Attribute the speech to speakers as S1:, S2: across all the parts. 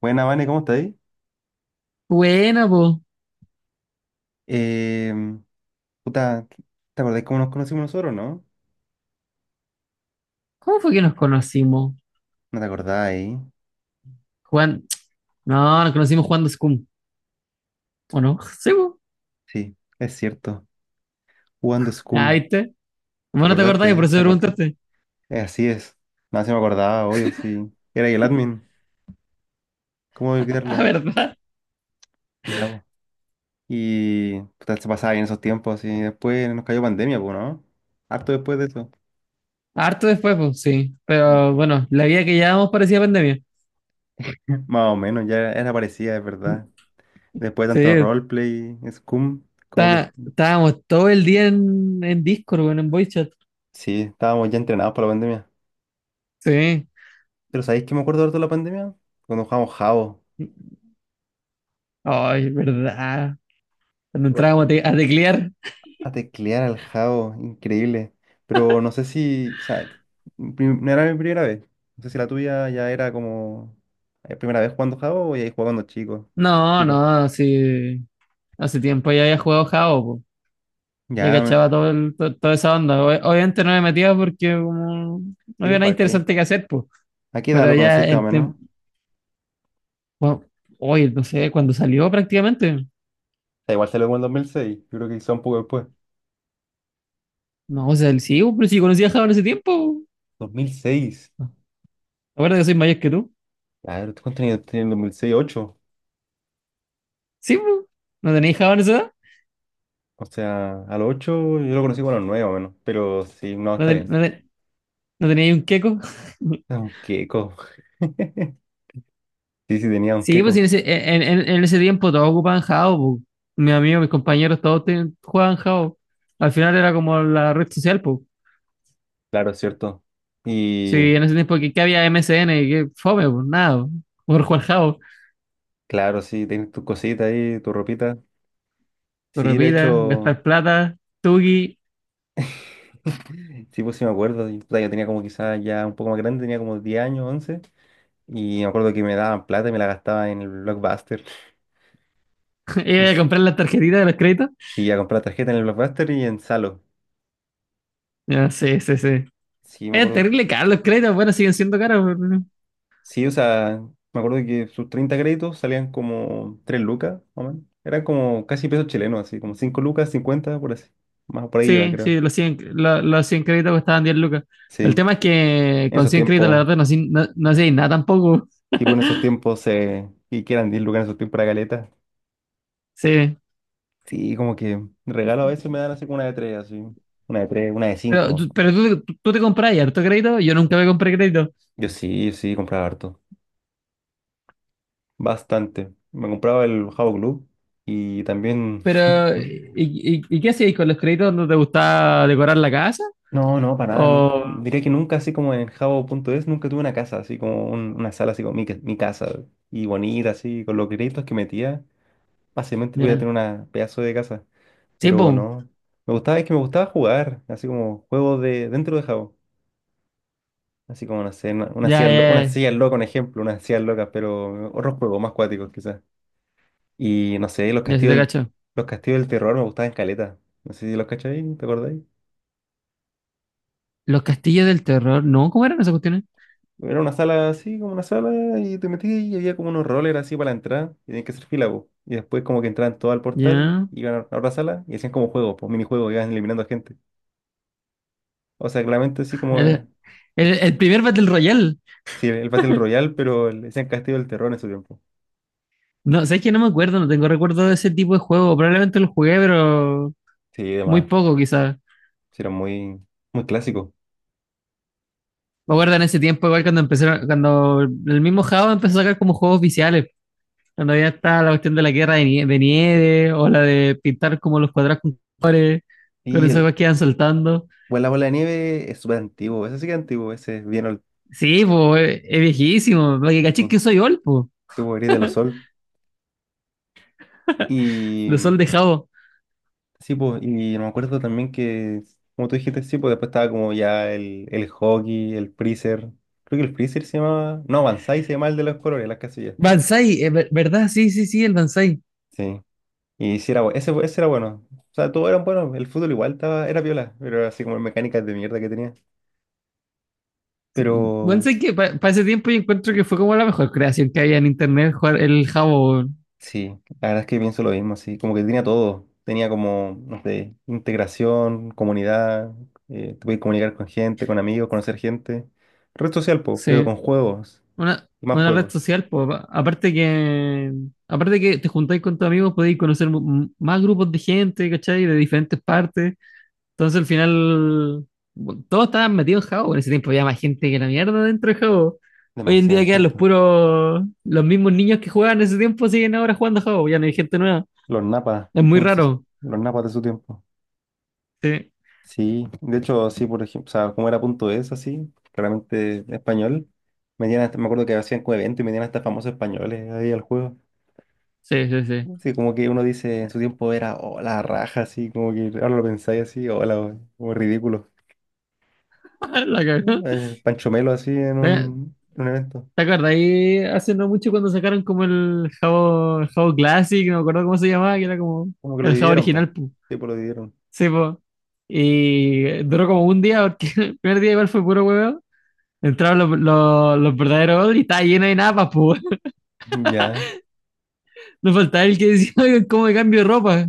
S1: Buena, Vane, ¿cómo estáis?
S2: Buena, po.
S1: Em, Puta, ¿te acordáis cómo nos conocimos nosotros, no?
S2: ¿Cómo fue que nos conocimos?
S1: ¿No te acordáis?
S2: Juan... No, nos conocimos jugando Scum, ¿o no? Sí, po.
S1: Sí, es cierto. Jugando
S2: Ah,
S1: Scum.
S2: ¿viste?
S1: ¿Te
S2: Bueno, te
S1: acordaste,
S2: acordás, por eso
S1: ¿Te
S2: te
S1: acordaste?
S2: preguntaste.
S1: Así es. Nada, se me acordaba, obvio, sí. Era ahí el admin. ¿Cómo
S2: Ah,
S1: olvidarlo?
S2: ¿verdad?
S1: Ya, po. Y puta, se pasaba bien esos tiempos y después nos cayó pandemia, pues, ¿no? Harto después de eso.
S2: Harto después, pues, sí.
S1: Mm.
S2: Pero bueno, la vida que llevábamos parecía pandemia.
S1: Más o menos, ya era parecida, es verdad. Después de tanto
S2: Sí,
S1: roleplay, Scum, como que
S2: estábamos todo el día en Discord, bueno, en voice chat.
S1: sí, estábamos ya entrenados para la pandemia.
S2: Sí.
S1: Pero ¿sabéis que me acuerdo harto de la pandemia? Cuando jugábamos Jabo.
S2: Ay, ¿verdad? Cuando
S1: Igual,
S2: entrábamos a teclear.
S1: a teclear al Jabo, increíble. Pero no sé si, o sea, no era mi primera vez. No sé si la tuya ya era como primera vez jugando Jabo o ya jugaba cuando chico.
S2: No,
S1: Chica.
S2: no, sí. Hace tiempo ya había jugado Jao, ya
S1: Ya,
S2: cachaba toda esa onda. Obviamente no me metía porque como no
S1: sí,
S2: había nada
S1: ¿para qué?
S2: interesante que hacer, pues.
S1: ¿A qué edad
S2: Pero
S1: lo
S2: ya
S1: conociste más o menos? O
S2: bueno, hoy, no sé, cuando salió prácticamente.
S1: sea, igual salió como en 2006. Yo creo que quizá un poco después.
S2: No, o sea, sí, pues, pero si conocía a Java en ese tiempo.
S1: 2006.
S2: Ahora que soy mayor que tú.
S1: Claro, ¿tú cuántos años tenías en 2006, 8?
S2: Sí, pues. ¿No tenías Java en esa edad?
S1: O sea, a los 8 yo lo conocí como a los 9 más o menos. Pero sí, no,
S2: ¿No,
S1: está
S2: ten-
S1: bien.
S2: no ten- no teníais un queco?
S1: Es un queco. Sí, sí, tenía un
S2: Sí, pues
S1: queco,
S2: en ese tiempo todos ocupaban Java, pues. Mis amigos, mis compañeros, todos jugaban Java. Al final era como la red social, pues.
S1: claro, es cierto. Y
S2: Sí, en ese tiempo que había MSN, que fome, pues nada, por Juan Jao,
S1: claro, sí, tienes tus cositas ahí, tu ropita. Sí, de
S2: repita,
S1: hecho,
S2: gastar plata, Tugi,
S1: sí, pues sí me acuerdo. Puta, yo tenía como quizás ya un poco más grande, tenía como 10 años, 11. Y me acuerdo que me daban plata y me la gastaba en el Blockbuster. No
S2: iba a
S1: sé,
S2: comprar las tarjetitas de los créditos.
S1: sí, a comprar tarjeta en el Blockbuster y en Salo.
S2: Ya, sí, sí, sí.
S1: Sí, me
S2: Es
S1: acuerdo.
S2: terrible caro los créditos, bueno, siguen siendo caros. No.
S1: Sí, o sea, me acuerdo que sus 30 créditos salían como 3 lucas, más o menos. Eran como casi pesos chilenos, así, como 5 lucas, 50 por así. Más por ahí iba,
S2: Sí,
S1: creo.
S2: sí, los 100 créditos costaban 10 lucas. El
S1: Sí.
S2: tema es que
S1: En
S2: con
S1: esos
S2: 100 créditos, la
S1: tiempos,
S2: verdad, no, no hacían nada tampoco.
S1: tipo en esos tiempos, y quieran 10 lucas en esos tiempos para caleta.
S2: Sí.
S1: Sí, como que regalo a veces me dan así como una de tres, así. Una de tres, una de
S2: Pero,
S1: cinco.
S2: tú- pero tú, tú, tú te compras harto crédito, yo nunca me compré crédito.
S1: Yo sí, yo sí, compraba harto. Bastante. Me compraba el Jabo Club y también.
S2: Pero, ¿y, y, y qué hacíais con los créditos? ¿No te gustaba decorar la casa?
S1: No, no, para nada, nunca.
S2: ¿O
S1: Diría que nunca, así como en jabo punto es nunca tuve una casa, así como una sala, así como mi casa. Y bonita, así, con los créditos que metía, fácilmente podía
S2: Ya.
S1: tener una pedazo de casa.
S2: Sí,
S1: Pero
S2: po.
S1: no. Me gustaba, es que me gustaba jugar, así como juegos de dentro de Jabo. Así como, no sé, una
S2: Ya,
S1: silla,
S2: ya,
S1: una
S2: ya.
S1: silla loca, un ejemplo, una silla loca, pero otros juegos más cuáticos quizás. Y no sé,
S2: Ya, sí te cacho.
S1: los castillos del terror me gustaban caleta. No sé si los cacháis, ¿te acordáis?
S2: Los castillos del terror. No, ¿cómo eran esas cuestiones?
S1: Era una sala así, como una sala, y te metías y había como unos rollers así para la entrada, y tenías que hacer fila, po. Y después como que entraban todos al portal,
S2: Ya.
S1: iban a otra sala y hacían como juegos, pues minijuegos, iban eliminando gente. O sea, claramente así como
S2: El, el primer Battle Royale.
S1: sí, el Battle Royale, pero el, decían Castillo del Terror en su tiempo.
S2: No, sabes que no me acuerdo, no tengo recuerdo de ese tipo de juego. Probablemente lo jugué, pero
S1: Sí,
S2: muy
S1: demás.
S2: poco, quizás.
S1: Sí, era muy, muy clásico.
S2: Me acuerdo en ese tiempo, igual cuando empezaron, cuando el mismo Java empezó a sacar como juegos oficiales. Cuando ya está la cuestión de la guerra de nieve, o la de pintar como los cuadrados con colores, con
S1: Y
S2: esas
S1: el,
S2: cosas que iban soltando.
S1: bueno, la bola de nieve es súper antiguo. Ese sí que es antiguo, ese es bien old
S2: Sí, pues, es viejísimo. Porque caché que
S1: school.
S2: soy old, pues.
S1: Sí, pues, Gris de los Sol. Y
S2: Los sol de Jabo.
S1: sí, pues, y me acuerdo también que, como tú dijiste, sí, pues después estaba como ya el hockey, el freezer. Creo que el freezer se llamaba. No, Banzai se llamaba el de los colores, las casillas.
S2: Banzai, ¿verdad? Sí, sí, sí, el Banzai.
S1: Sí. Y sí era, bueno ese era bueno. O sea, todos eran buenos. El fútbol igual estaba, era viola, pero era así como mecánicas de mierda que tenía.
S2: Sí,
S1: Pero
S2: Banzai
S1: s-
S2: que para ese tiempo yo encuentro que fue como la mejor creación que había en internet, jugar el Jabo. Weón.
S1: sí, la verdad es que pienso lo mismo, así como que tenía todo. Tenía como, no sé, integración, comunidad, te podías comunicar con gente, con amigos, conocer gente. Red social, po, pero
S2: Sí.
S1: con juegos,
S2: Una,
S1: y más
S2: una red
S1: juegos.
S2: social, po. Aparte que te juntáis con tus amigos, podéis conocer más grupos de gente, ¿cachai? De diferentes partes. Entonces al final, bueno, todos estaban metidos en Jabo. En ese tiempo había más gente que la mierda dentro de Jabo. Hoy en
S1: Demasiada
S2: día quedan los
S1: gente.
S2: puros, los mismos niños que jugaban en ese tiempo siguen ahora jugando a Jabo, ya no hay gente nueva.
S1: Los napas,
S2: Es muy
S1: en sus-
S2: raro.
S1: los napas de su tiempo.
S2: Sí,
S1: Sí, de hecho, sí, por ejemplo, o sea, como era punto es así, claramente español, metían me acuerdo que hacían como eventos y metían hasta famosos españoles ahí al juego.
S2: sí, sí, sí.
S1: Sí, como que uno dice en su tiempo era oh, la raja, así, como que ahora lo pensáis así, o la, como ridículo.
S2: La cagó.
S1: Pancho Melo así
S2: ¿Te,
S1: en un evento.
S2: te acuerdas? Ahí hace no mucho cuando sacaron como el Jabo Classic, no me acuerdo cómo se llamaba, que era como
S1: Como que lo
S2: el Jabo
S1: dividieron, pues.
S2: original. Pu.
S1: Sí, pues lo dividieron.
S2: Sí, po. Y duró como un día, porque el primer día igual fue puro huevo. Entraron los verdaderos odres y estaba lleno de napas, pues.
S1: Ya.
S2: No faltaba el que decía, "Oigan, ¿cómo me cambio de ropa?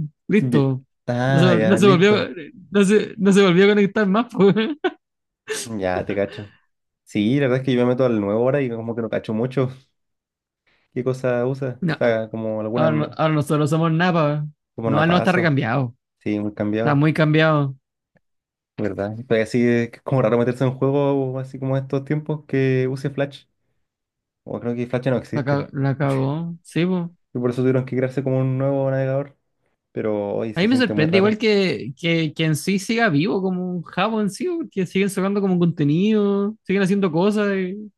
S1: ye-
S2: Listo. No se,
S1: Ah,
S2: vol-
S1: ya,
S2: no se
S1: listo.
S2: volvió, no se volvió a conectar más, pues.
S1: Ya, te cacho. Sí, la verdad es que yo me meto al nuevo ahora y como que no cacho mucho. ¿Qué cosa usa?
S2: No,
S1: O sea, como
S2: Ahora, no- ahora nosotros somos Napa.
S1: como
S2: No, él no está
S1: napazo.
S2: recambiado.
S1: Sí, muy
S2: Está
S1: cambiado,
S2: muy cambiado.
S1: ¿verdad? Pero así es como raro meterse en un juego así como estos tiempos que use Flash. O creo que Flash ya no
S2: La, ca-
S1: existe.
S2: la cagó. Sí, po.
S1: Y por eso tuvieron que crearse como un nuevo navegador. Pero hoy
S2: A
S1: se
S2: mí me
S1: siente muy
S2: sorprende
S1: raro.
S2: igual que en sí siga vivo como un jabo en sí, porque siguen sacando como contenido, siguen haciendo cosas y,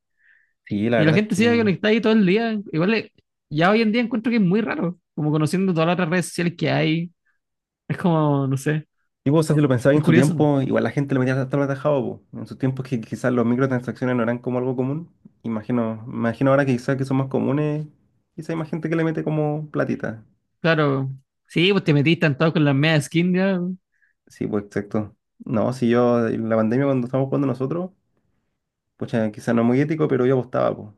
S1: Sí, la
S2: y la
S1: verdad es
S2: gente sigue
S1: que.
S2: conectada ahí todo el día. Igual ya hoy en día encuentro que es muy raro, como conociendo todas las otras redes sociales que hay. Es como, no sé,
S1: Y vos, o sea, si lo pensabas
S2: es
S1: en su
S2: curioso.
S1: tiempo, igual la gente lo metía hasta lo atajado, po. En sus tiempos que quizás los microtransacciones no eran como algo común. Imagino, imagino ahora que quizás que son más comunes, quizás hay más gente que le mete como platita.
S2: Claro, sí, pues te metiste en todo con las medias skin ya.
S1: Sí, pues exacto. No, si yo, en la pandemia cuando estábamos jugando nosotros, pues quizás no es muy ético, pero yo apostaba, pues.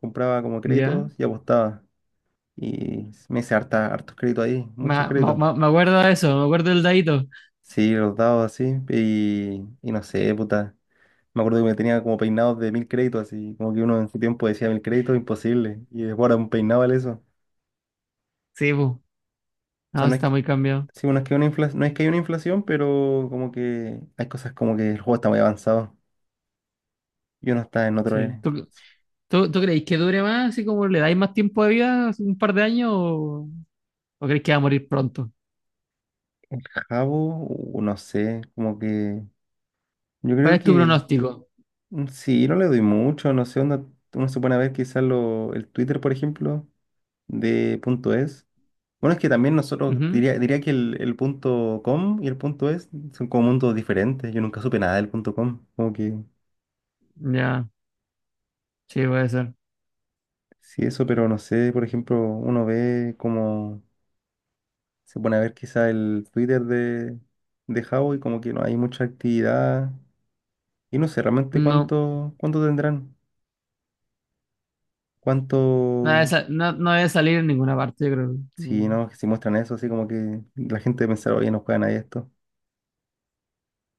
S1: Compraba como
S2: Ya,
S1: créditos y apostaba. Y me hice harta, hartos créditos ahí,
S2: me,
S1: muchos
S2: me,
S1: créditos.
S2: me- me acuerdo de eso, me acuerdo del dadito.
S1: Sí, los dados así, y no sé, puta. Me acuerdo que me tenía como peinados de 1000 créditos, así, como que uno en su tiempo decía 1000 créditos, imposible. Y después ahora un peinado vale eso.
S2: Sí, pues.
S1: O
S2: No,
S1: sea, no
S2: sí
S1: es
S2: está
S1: que,
S2: muy cambiado.
S1: sí, bueno, es que, no es que hay una inflación, pero como que hay cosas como que el juego está muy avanzado. Y uno está en otro
S2: Sí. ¿Tú creéis que dure más, así como le dais más tiempo de vida, así un par de años, o creéis que va a morir pronto?
S1: cabo, o no sé, como que. Yo
S2: ¿Cuál
S1: creo
S2: es tu
S1: que
S2: pronóstico?
S1: sí, no le doy mucho, no sé, onda, uno se pone a ver quizás lo, el Twitter, por ejemplo, de punto es. Bueno, es que también nosotros,
S2: Ujú.
S1: diría que el punto com y el punto es son como mundos diferentes. Yo nunca supe nada del punto com. Como que
S2: Ya, sí, puede ser.
S1: sí, eso, pero no sé, por ejemplo, uno ve como se pone a ver quizá el Twitter de Huawei, como que no hay mucha actividad. Y no sé realmente
S2: No,
S1: cuánto, cuánto tendrán. Cuánto,
S2: no debe salir en ninguna parte, yo creo.
S1: si
S2: Mm.
S1: no, si muestran eso, así como que la gente pensará, oye, no juega nadie esto.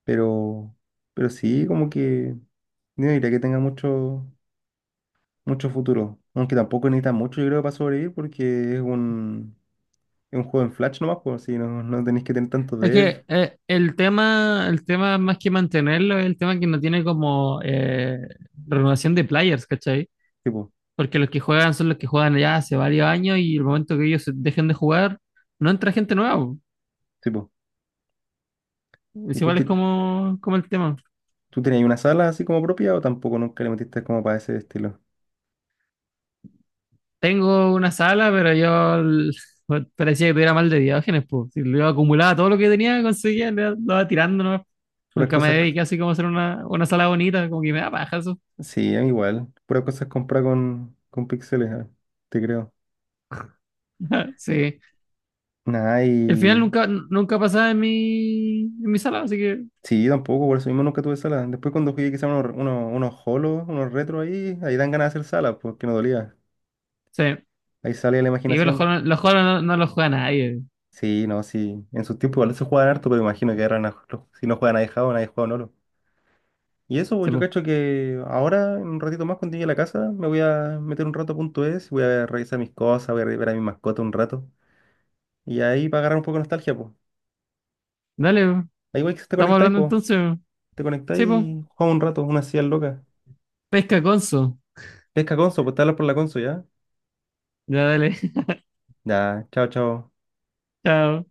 S1: Pero, pero sí, como que no diría que tenga mucho. Mucho futuro. Aunque tampoco necesitas mucho, yo creo, para sobrevivir, porque es es un juego en Flash nomás, pues, si no, no tenés que tener tanto
S2: Es
S1: dev.
S2: que el tema más que mantenerlo es el tema que no tiene como renovación de players, ¿cachai?
S1: Tipo,
S2: Porque los que juegan son los que juegan ya hace varios años y el momento que ellos se dejen de jugar, no entra gente nueva.
S1: tipo.
S2: Es
S1: ¿Y tú,
S2: igual es como el tema.
S1: tú tenías una sala así como propia o tampoco nunca le metiste como para ese estilo?
S2: Tengo una sala, pero parecía que tuviera mal de Diógenes, pues. Si lo acumulaba todo lo que tenía, conseguía, lo iba tirando, ¿no?
S1: Puras
S2: Nunca me
S1: cosas.
S2: dediqué así como a hacer una sala bonita, como que me da paja eso.
S1: Sí, a mí igual. Puras cosas compradas con píxeles, ah, te creo.
S2: Sí.
S1: Nada,
S2: El final
S1: y.
S2: nunca pasaba en mi sala, así que
S1: Sí, yo tampoco, por eso mismo nunca tuve sala. Después cuando jugué quizá unos, unos holos, unos retros ahí, ahí dan ganas de hacer salas, porque no dolía.
S2: sí.
S1: Ahí sale la
S2: Sí, pero
S1: imaginación.
S2: los juegos no, no los juega nadie.
S1: Sí, no, sí. En su tiempo igual se jugaban harto, pero imagino que ahora si no juegan a dejado, nadie juega a Nolo. Y eso, pues,
S2: Sí,
S1: yo
S2: po.
S1: cacho que ahora, en un ratito más, cuando llegue a la casa, me voy a meter un rato a punto es, voy a revisar mis cosas, voy a ver a mi mascota un rato. Y ahí para agarrar un poco de nostalgia, pues.
S2: Dale, po.
S1: Ahí igual que te
S2: Estamos
S1: conectáis,
S2: hablando
S1: pues.
S2: entonces, po.
S1: Te
S2: Sí,
S1: conectáis
S2: pues.
S1: y jugamos un rato, una silla loca.
S2: Pesca Conso.
S1: Pesca Conso, pues te hablas por la Conso, ¿ya?
S2: Ya, dale.
S1: Ya, chao, chao.
S2: Chao.